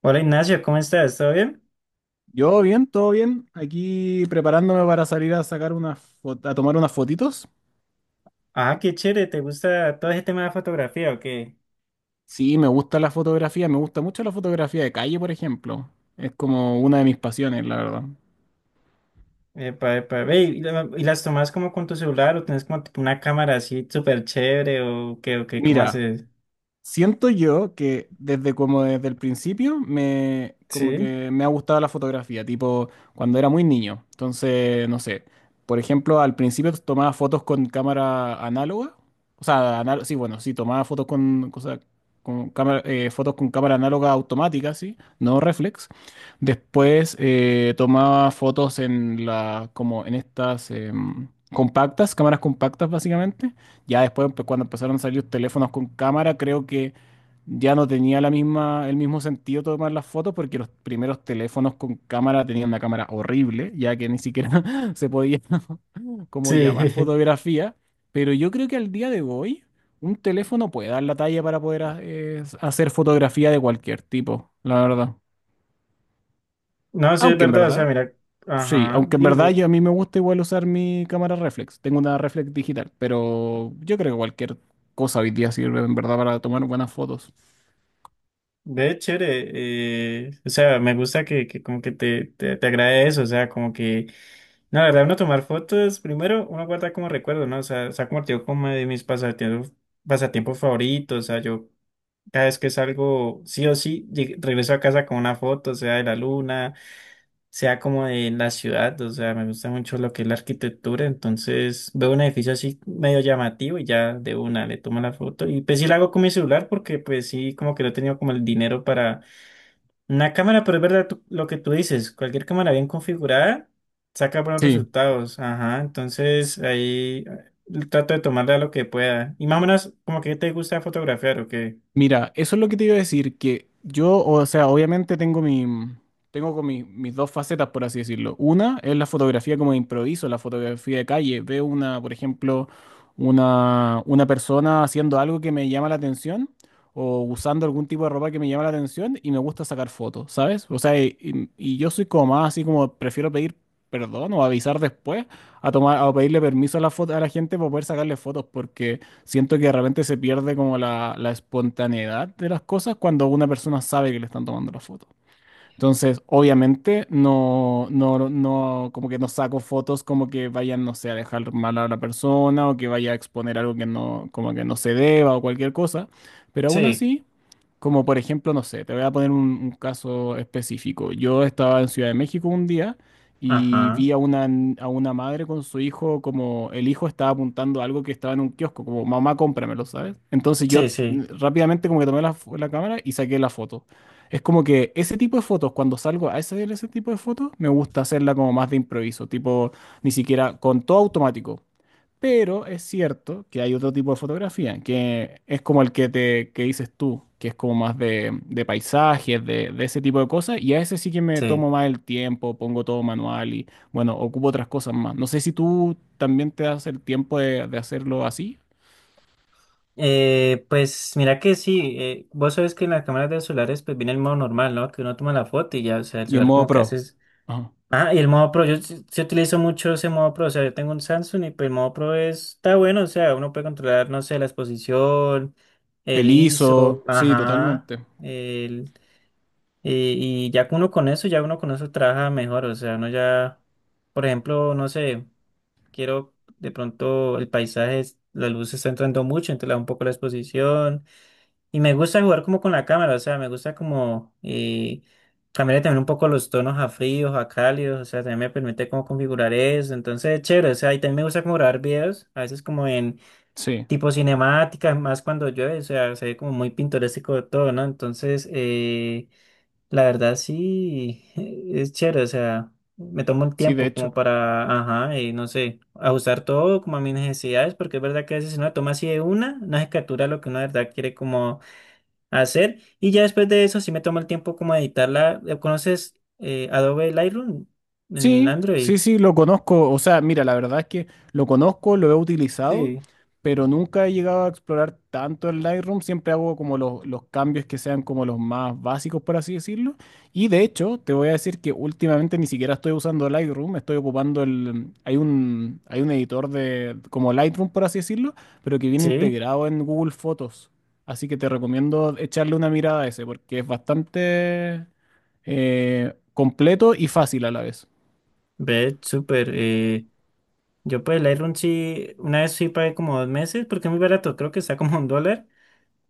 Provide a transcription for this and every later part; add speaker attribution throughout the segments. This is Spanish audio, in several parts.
Speaker 1: Hola Ignacio, ¿cómo estás? ¿Todo bien?
Speaker 2: Yo bien, todo bien. Aquí preparándome para salir a sacar unas a tomar unas fotitos.
Speaker 1: Ah, qué chévere, ¿te gusta todo ese tema de fotografía o qué?
Speaker 2: Sí, me gusta la fotografía, me gusta mucho la fotografía de calle, por ejemplo. Es como una de mis pasiones, la verdad.
Speaker 1: Epa, epa, ve, ¿y, y las tomas como con tu celular o tienes como tipo una cámara así súper chévere o qué, cómo
Speaker 2: Mira,
Speaker 1: haces?
Speaker 2: siento yo que desde como desde el principio me como
Speaker 1: Sí,
Speaker 2: que me ha gustado la fotografía, tipo cuando era muy niño. Entonces, no sé, por ejemplo, al principio tomaba fotos con cámara análoga, o sea, sí, bueno, sí, tomaba fotos con cosa con cámara, fotos con cámara análoga automática, sí, no reflex. Después, tomaba fotos en la como en estas compactas, cámaras compactas básicamente. Ya después, pues, cuando empezaron a salir los teléfonos con cámara, creo que ya no tenía la misma, el mismo sentido tomar las fotos porque los primeros teléfonos con cámara tenían una cámara horrible, ya que ni siquiera se podía como llamar
Speaker 1: sí,
Speaker 2: fotografía. Pero yo creo que al día de hoy un teléfono puede dar la talla para poder hacer fotografía de cualquier tipo, la verdad.
Speaker 1: no, sí es
Speaker 2: Aunque en
Speaker 1: verdad, o sea,
Speaker 2: verdad,
Speaker 1: mira,
Speaker 2: Sí,
Speaker 1: ajá,
Speaker 2: aunque en verdad
Speaker 1: dime,
Speaker 2: yo, a mí me gusta igual usar mi cámara reflex. Tengo una reflex digital, pero yo creo que cualquier cosa hoy día sirve en verdad para tomar buenas fotos.
Speaker 1: ve, chévere, o sea, me gusta que como que te agrade eso, o sea, como que no, la verdad, uno tomar fotos, primero uno guarda como recuerdo, ¿no? O sea, se ha convertido como de mis pasatiempos, pasatiempos favoritos. O sea, yo cada vez que salgo, sí o sí, regreso a casa con una foto, sea de la luna, sea como de la ciudad. O sea, me gusta mucho lo que es la arquitectura. Entonces veo un edificio así medio llamativo y ya de una le tomo la foto. Y pues sí la hago con mi celular porque pues sí, como que no he tenido como el dinero para una cámara, pero es verdad lo que tú dices, cualquier cámara bien configurada saca buenos
Speaker 2: Sí.
Speaker 1: resultados, ajá, entonces ahí trato de tomarla lo que pueda. Y más o menos, ¿como que te gusta fotografiar o qué?
Speaker 2: Mira, eso es lo que te iba a decir, que yo, o sea, obviamente tengo mi, tengo con mis dos facetas, por así decirlo. Una es la fotografía como de improviso, la fotografía de calle. Veo una, por ejemplo, una persona haciendo algo que me llama la atención o usando algún tipo de ropa que me llama la atención y me gusta sacar fotos, ¿sabes? O sea, y yo soy como más así, como prefiero pedir perdón o avisar después a tomar, a pedirle permiso a la foto, a la gente para poder sacarle fotos porque... Siento que de repente se pierde como la espontaneidad de las cosas cuando una persona sabe que le están tomando la foto. Entonces, obviamente, no, no, no, como que no saco fotos como que vayan, no sé, a dejar mal a la persona o que vaya a exponer algo que no, como que no se deba o cualquier cosa. Pero aún
Speaker 1: Sí,
Speaker 2: así, como por ejemplo, no sé, te voy a poner un caso específico. Yo estaba en Ciudad de México un día y
Speaker 1: ajá,
Speaker 2: vi a una madre con su hijo, como el hijo estaba apuntando algo que estaba en un kiosco, como mamá, cómpramelo, ¿sabes? Entonces yo,
Speaker 1: sí, sí,
Speaker 2: rápidamente como que tomé la cámara y saqué la foto. Es como que ese tipo de fotos, cuando salgo a hacer ese tipo de fotos, me gusta hacerla como más de improviso, tipo ni siquiera con todo automático. Pero es cierto que hay otro tipo de fotografía, que es como el que te que dices tú, que es como más de paisajes, de ese tipo de cosas, y a ese sí que me
Speaker 1: sí.
Speaker 2: tomo más el tiempo, pongo todo manual y bueno, ocupo otras cosas más. No sé si tú también te das el tiempo de hacerlo así
Speaker 1: Pues mira que sí, vos sabes que en las cámaras de los celulares pues viene el modo normal, ¿no? Que uno toma la foto y ya, o sea, el
Speaker 2: y en
Speaker 1: celular
Speaker 2: modo
Speaker 1: como que
Speaker 2: pro.
Speaker 1: haces.
Speaker 2: Ajá.
Speaker 1: Ah, y el modo Pro, yo sí utilizo mucho ese modo Pro, o sea, yo tengo un Samsung y pues el modo Pro está bueno, o sea, uno puede controlar, no sé, la exposición, el
Speaker 2: El ISO,
Speaker 1: ISO,
Speaker 2: sí,
Speaker 1: ajá,
Speaker 2: totalmente.
Speaker 1: el, y, ya uno con eso trabaja mejor, o sea, uno ya, por ejemplo, no sé, quiero de pronto el paisaje, la luz está entrando mucho, entonces le da un poco la exposición, y me gusta jugar como con la cámara, o sea, me gusta como cambiarle también un poco los tonos a fríos, a cálidos, o sea, también me permite como configurar eso, entonces chévere, o sea, y también me gusta como grabar videos, a veces como en
Speaker 2: Sí,
Speaker 1: tipo cinemáticas, más cuando llueve, o sea, se ve como muy pintoresco todo, ¿no? Entonces, la verdad sí, es chévere, o sea, me tomo el
Speaker 2: sí, de
Speaker 1: tiempo
Speaker 2: hecho.
Speaker 1: como para, ajá, y no sé, ajustar todo como a mis necesidades, porque es verdad que a veces si uno toma así de una, no se captura lo que uno de verdad quiere como hacer. Y ya después de eso, si me tomo el tiempo como de editarla. ¿Conoces Adobe Lightroom en
Speaker 2: Sí,
Speaker 1: Android?
Speaker 2: sí, sí, lo conozco. O sea, mira, la verdad es que lo conozco, lo he utilizado,
Speaker 1: Sí.
Speaker 2: pero nunca he llegado a explorar tanto el Lightroom. Siempre hago como los cambios que sean como los más básicos, por así decirlo. Y de hecho, te voy a decir que últimamente ni siquiera estoy usando Lightroom, estoy ocupando hay un editor de como Lightroom, por así decirlo, pero que viene
Speaker 1: Sí,
Speaker 2: integrado en Google Fotos. Así que te recomiendo echarle una mirada a ese, porque es bastante, completo y fácil a la vez.
Speaker 1: ve, súper. Yo pues Lightroom sí, una vez sí pagué como dos meses porque es muy barato, creo que está como un dólar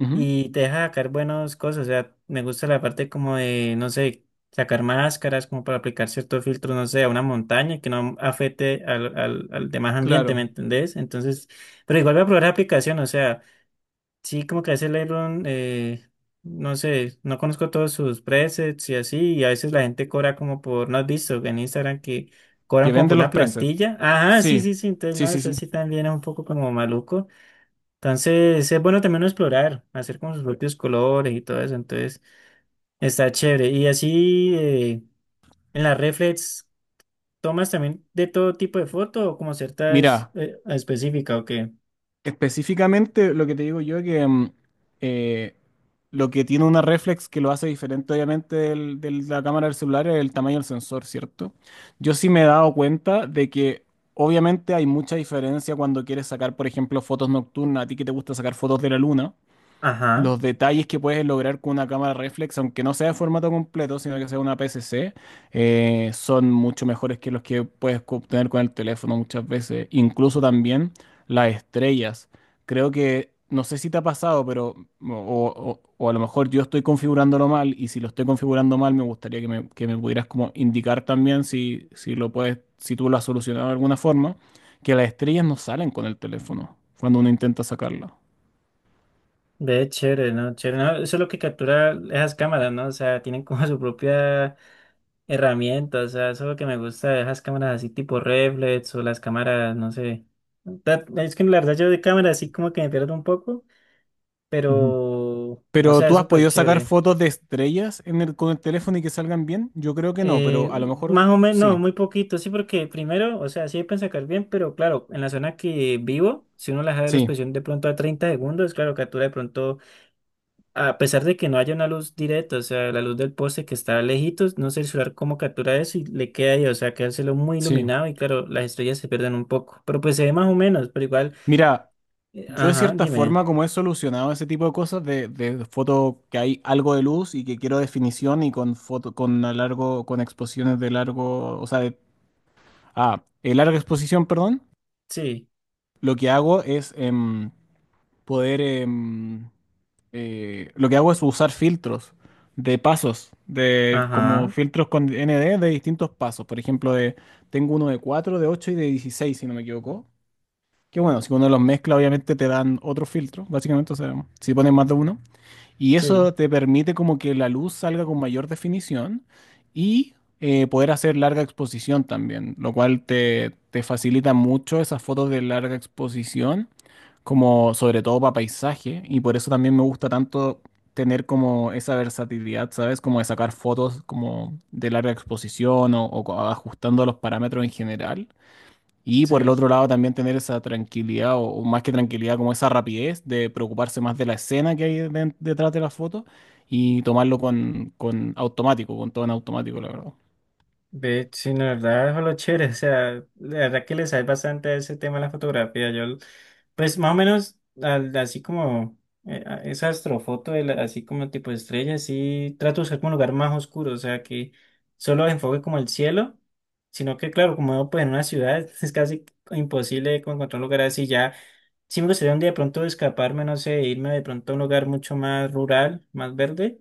Speaker 2: Ujú.
Speaker 1: y te deja sacar buenas cosas, o sea, me gusta la parte como de, no sé, sacar máscaras como para aplicar ciertos filtros, no sé, a una montaña que no afecte al demás ambiente, ¿me
Speaker 2: Claro,
Speaker 1: entendés? Entonces, pero igual voy a probar la aplicación, o sea... Sí, como que a veces Lightroom, no sé, no conozco todos sus presets y así, y a veces la gente cobra como por, ¿no has visto en Instagram que cobran
Speaker 2: que
Speaker 1: como por
Speaker 2: vende los
Speaker 1: una
Speaker 2: presets.
Speaker 1: plantilla? Ajá, sí,
Speaker 2: Sí,
Speaker 1: sí, sí, entonces
Speaker 2: sí,
Speaker 1: no,
Speaker 2: sí,
Speaker 1: eso
Speaker 2: sí.
Speaker 1: sí también es un poco como maluco. Entonces es bueno también uno explorar, hacer como sus propios colores y todo eso, entonces está chévere. Y así en las reflex, ¿tomas también de todo tipo de foto o como ciertas
Speaker 2: Mira,
Speaker 1: específicas o qué?
Speaker 2: específicamente lo que te digo yo es que, eh, lo que tiene una reflex que lo hace diferente obviamente de la cámara del celular es el tamaño del sensor, ¿cierto? Yo sí me he dado cuenta de que obviamente hay mucha diferencia cuando quieres sacar, por ejemplo, fotos nocturnas, a ti que te gusta sacar fotos de la luna,
Speaker 1: Ajá.
Speaker 2: los detalles que puedes lograr con una cámara reflex, aunque no sea de formato completo, sino que sea una PSC, son mucho mejores que los que puedes obtener con el teléfono muchas veces. Incluso también las estrellas. Creo que, no sé si te ha pasado, pero, o a lo mejor yo estoy configurándolo mal, y si lo estoy configurando mal, me gustaría que me pudieras como indicar también, si, lo puedes, si tú lo has solucionado de alguna forma, que las estrellas no salen con el teléfono cuando uno intenta sacarla.
Speaker 1: Ve, chévere, ¿no? Chévere, ¿no? Eso es lo que captura esas cámaras, ¿no? O sea, tienen como su propia herramienta, o sea, eso es lo que me gusta de esas cámaras así tipo reflex o las cámaras, no sé. Es que la verdad yo de cámara así como que me pierdo un poco, pero, o
Speaker 2: ¿Pero
Speaker 1: sea, es
Speaker 2: tú has
Speaker 1: súper
Speaker 2: podido sacar
Speaker 1: chévere.
Speaker 2: fotos de estrellas con el teléfono y que salgan bien? Yo creo que no, pero
Speaker 1: Eh,
Speaker 2: a lo mejor
Speaker 1: más o menos, no,
Speaker 2: sí,
Speaker 1: muy poquito, sí, porque primero, o sea, sí pueden sacar bien, pero claro, en la zona que vivo, si uno la deja de la
Speaker 2: sí,
Speaker 1: expresión de pronto a 30 segundos, claro, captura de pronto a pesar de que no haya una luz directa, o sea, la luz del poste que está lejitos, no sé el celular cómo captura eso y le queda ahí, o sea, quedárselo muy
Speaker 2: sí.
Speaker 1: iluminado y claro, las estrellas se pierden un poco, pero pues se ve más o menos, pero igual,
Speaker 2: Mira, yo de
Speaker 1: ajá,
Speaker 2: cierta
Speaker 1: dime,
Speaker 2: forma como he solucionado ese tipo de cosas de foto que hay algo de luz y que quiero definición y con foto con a largo con exposiciones de largo, o sea, de larga exposición, perdón.
Speaker 1: sí,
Speaker 2: Lo que hago es poder... em, usar filtros de pasos, de como
Speaker 1: ajá,
Speaker 2: filtros con ND de distintos pasos. Por ejemplo, tengo uno de 4, de 8 y de 16, si no me equivoco. Que bueno, si uno los mezcla, obviamente te dan otro filtro, básicamente. O sea, si pones más de uno. Y
Speaker 1: sí,
Speaker 2: eso te permite como que la luz salga con mayor definición y, poder hacer larga exposición también, lo cual te facilita mucho esas fotos de larga exposición, como sobre todo para paisaje. Y por eso también me gusta tanto tener como esa versatilidad, ¿sabes? Como de sacar fotos como de larga exposición, ajustando los parámetros en general, y por el
Speaker 1: sí.
Speaker 2: otro lado también tener esa tranquilidad, o más que tranquilidad, como esa rapidez de preocuparse más de la escena que hay detrás de la foto y tomarlo con automático, con todo en automático, la verdad.
Speaker 1: De sí, la verdad es lo chévere, o sea, la verdad que les sabe bastante a ese tema de la fotografía. Yo, pues más o menos, así como esa astrofoto, así como tipo estrella, sí trato de usar como un lugar más oscuro, o sea, que solo enfoque como el cielo, sino que claro, como vivo, pues en una ciudad es casi imposible como encontrar un lugar así ya. Sí me gustaría un día de pronto escaparme, no sé, irme de pronto a un lugar mucho más rural, más verde,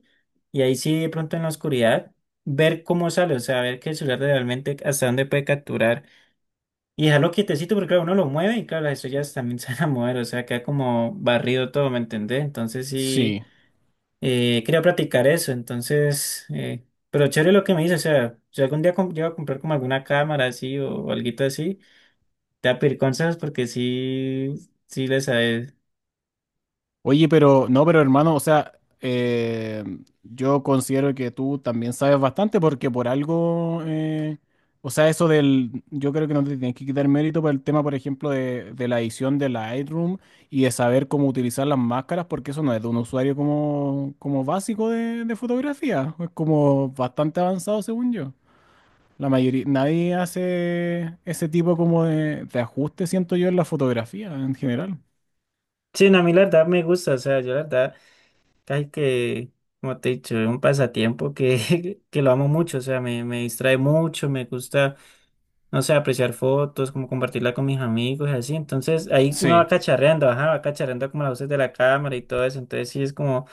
Speaker 1: y ahí sí de pronto en la oscuridad ver cómo sale, o sea, ver que el celular realmente hasta dónde puede capturar y dejarlo quietecito porque claro, uno lo mueve y claro, las estrellas también se van a mover, o sea, queda como barrido todo, ¿me entendés? Entonces sí,
Speaker 2: Sí.
Speaker 1: quería practicar eso, entonces, pero chévere lo que me dice, o sea, si algún día llego a comprar como alguna cámara así o alguito así, te voy a pedir consejos porque sí, sí les sabes.
Speaker 2: Oye, pero no, pero hermano, o sea, eh, yo considero que tú también sabes bastante porque por algo, o sea, yo creo que no te tienes que quitar mérito por el tema, por ejemplo, de la edición de Lightroom y de saber cómo utilizar las máscaras, porque eso no es de un usuario como básico de fotografía, es como bastante avanzado según yo. La mayoría, nadie hace ese tipo como de ajuste, siento yo, en la fotografía en general.
Speaker 1: Sí, no, a mí la verdad me gusta, o sea, yo la verdad. Casi que, como te he dicho, es un pasatiempo que, que lo amo mucho, o sea, me distrae mucho, me gusta, no sé, apreciar fotos, como compartirla con mis amigos y así. Entonces, ahí uno va
Speaker 2: Sí,
Speaker 1: cacharreando, ajá, va cacharreando como las luces de la cámara y todo eso. Entonces, sí, es como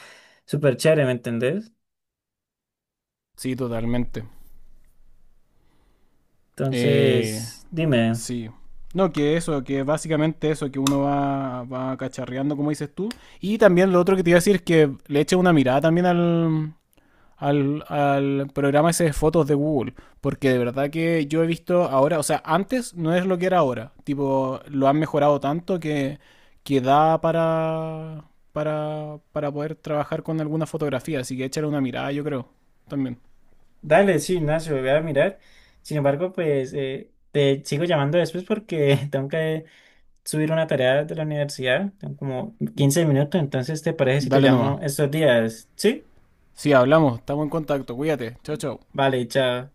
Speaker 1: súper chévere, ¿me entendés?
Speaker 2: sí, totalmente. Eh,
Speaker 1: Entonces, dime,
Speaker 2: sí. No, que eso, que básicamente eso, que uno va cacharreando, como dices tú. Y también lo otro que te iba a decir es que le eche una mirada también al programa ese de fotos de Google. Porque de verdad que yo he visto ahora, o sea, antes no es lo que era ahora. Tipo, lo han mejorado tanto que da para poder trabajar con alguna fotografía. Así que échale una mirada, yo creo. También.
Speaker 1: dale, sí, Ignacio, voy a mirar. Sin embargo, pues, te sigo llamando después porque tengo que subir una tarea de la universidad. Tengo como 15 minutos, entonces ¿te parece si te
Speaker 2: Dale
Speaker 1: llamo
Speaker 2: nomás.
Speaker 1: estos días? Sí,
Speaker 2: Sí, hablamos, estamos en contacto. Cuídate. Chao, chao.
Speaker 1: vale, chao.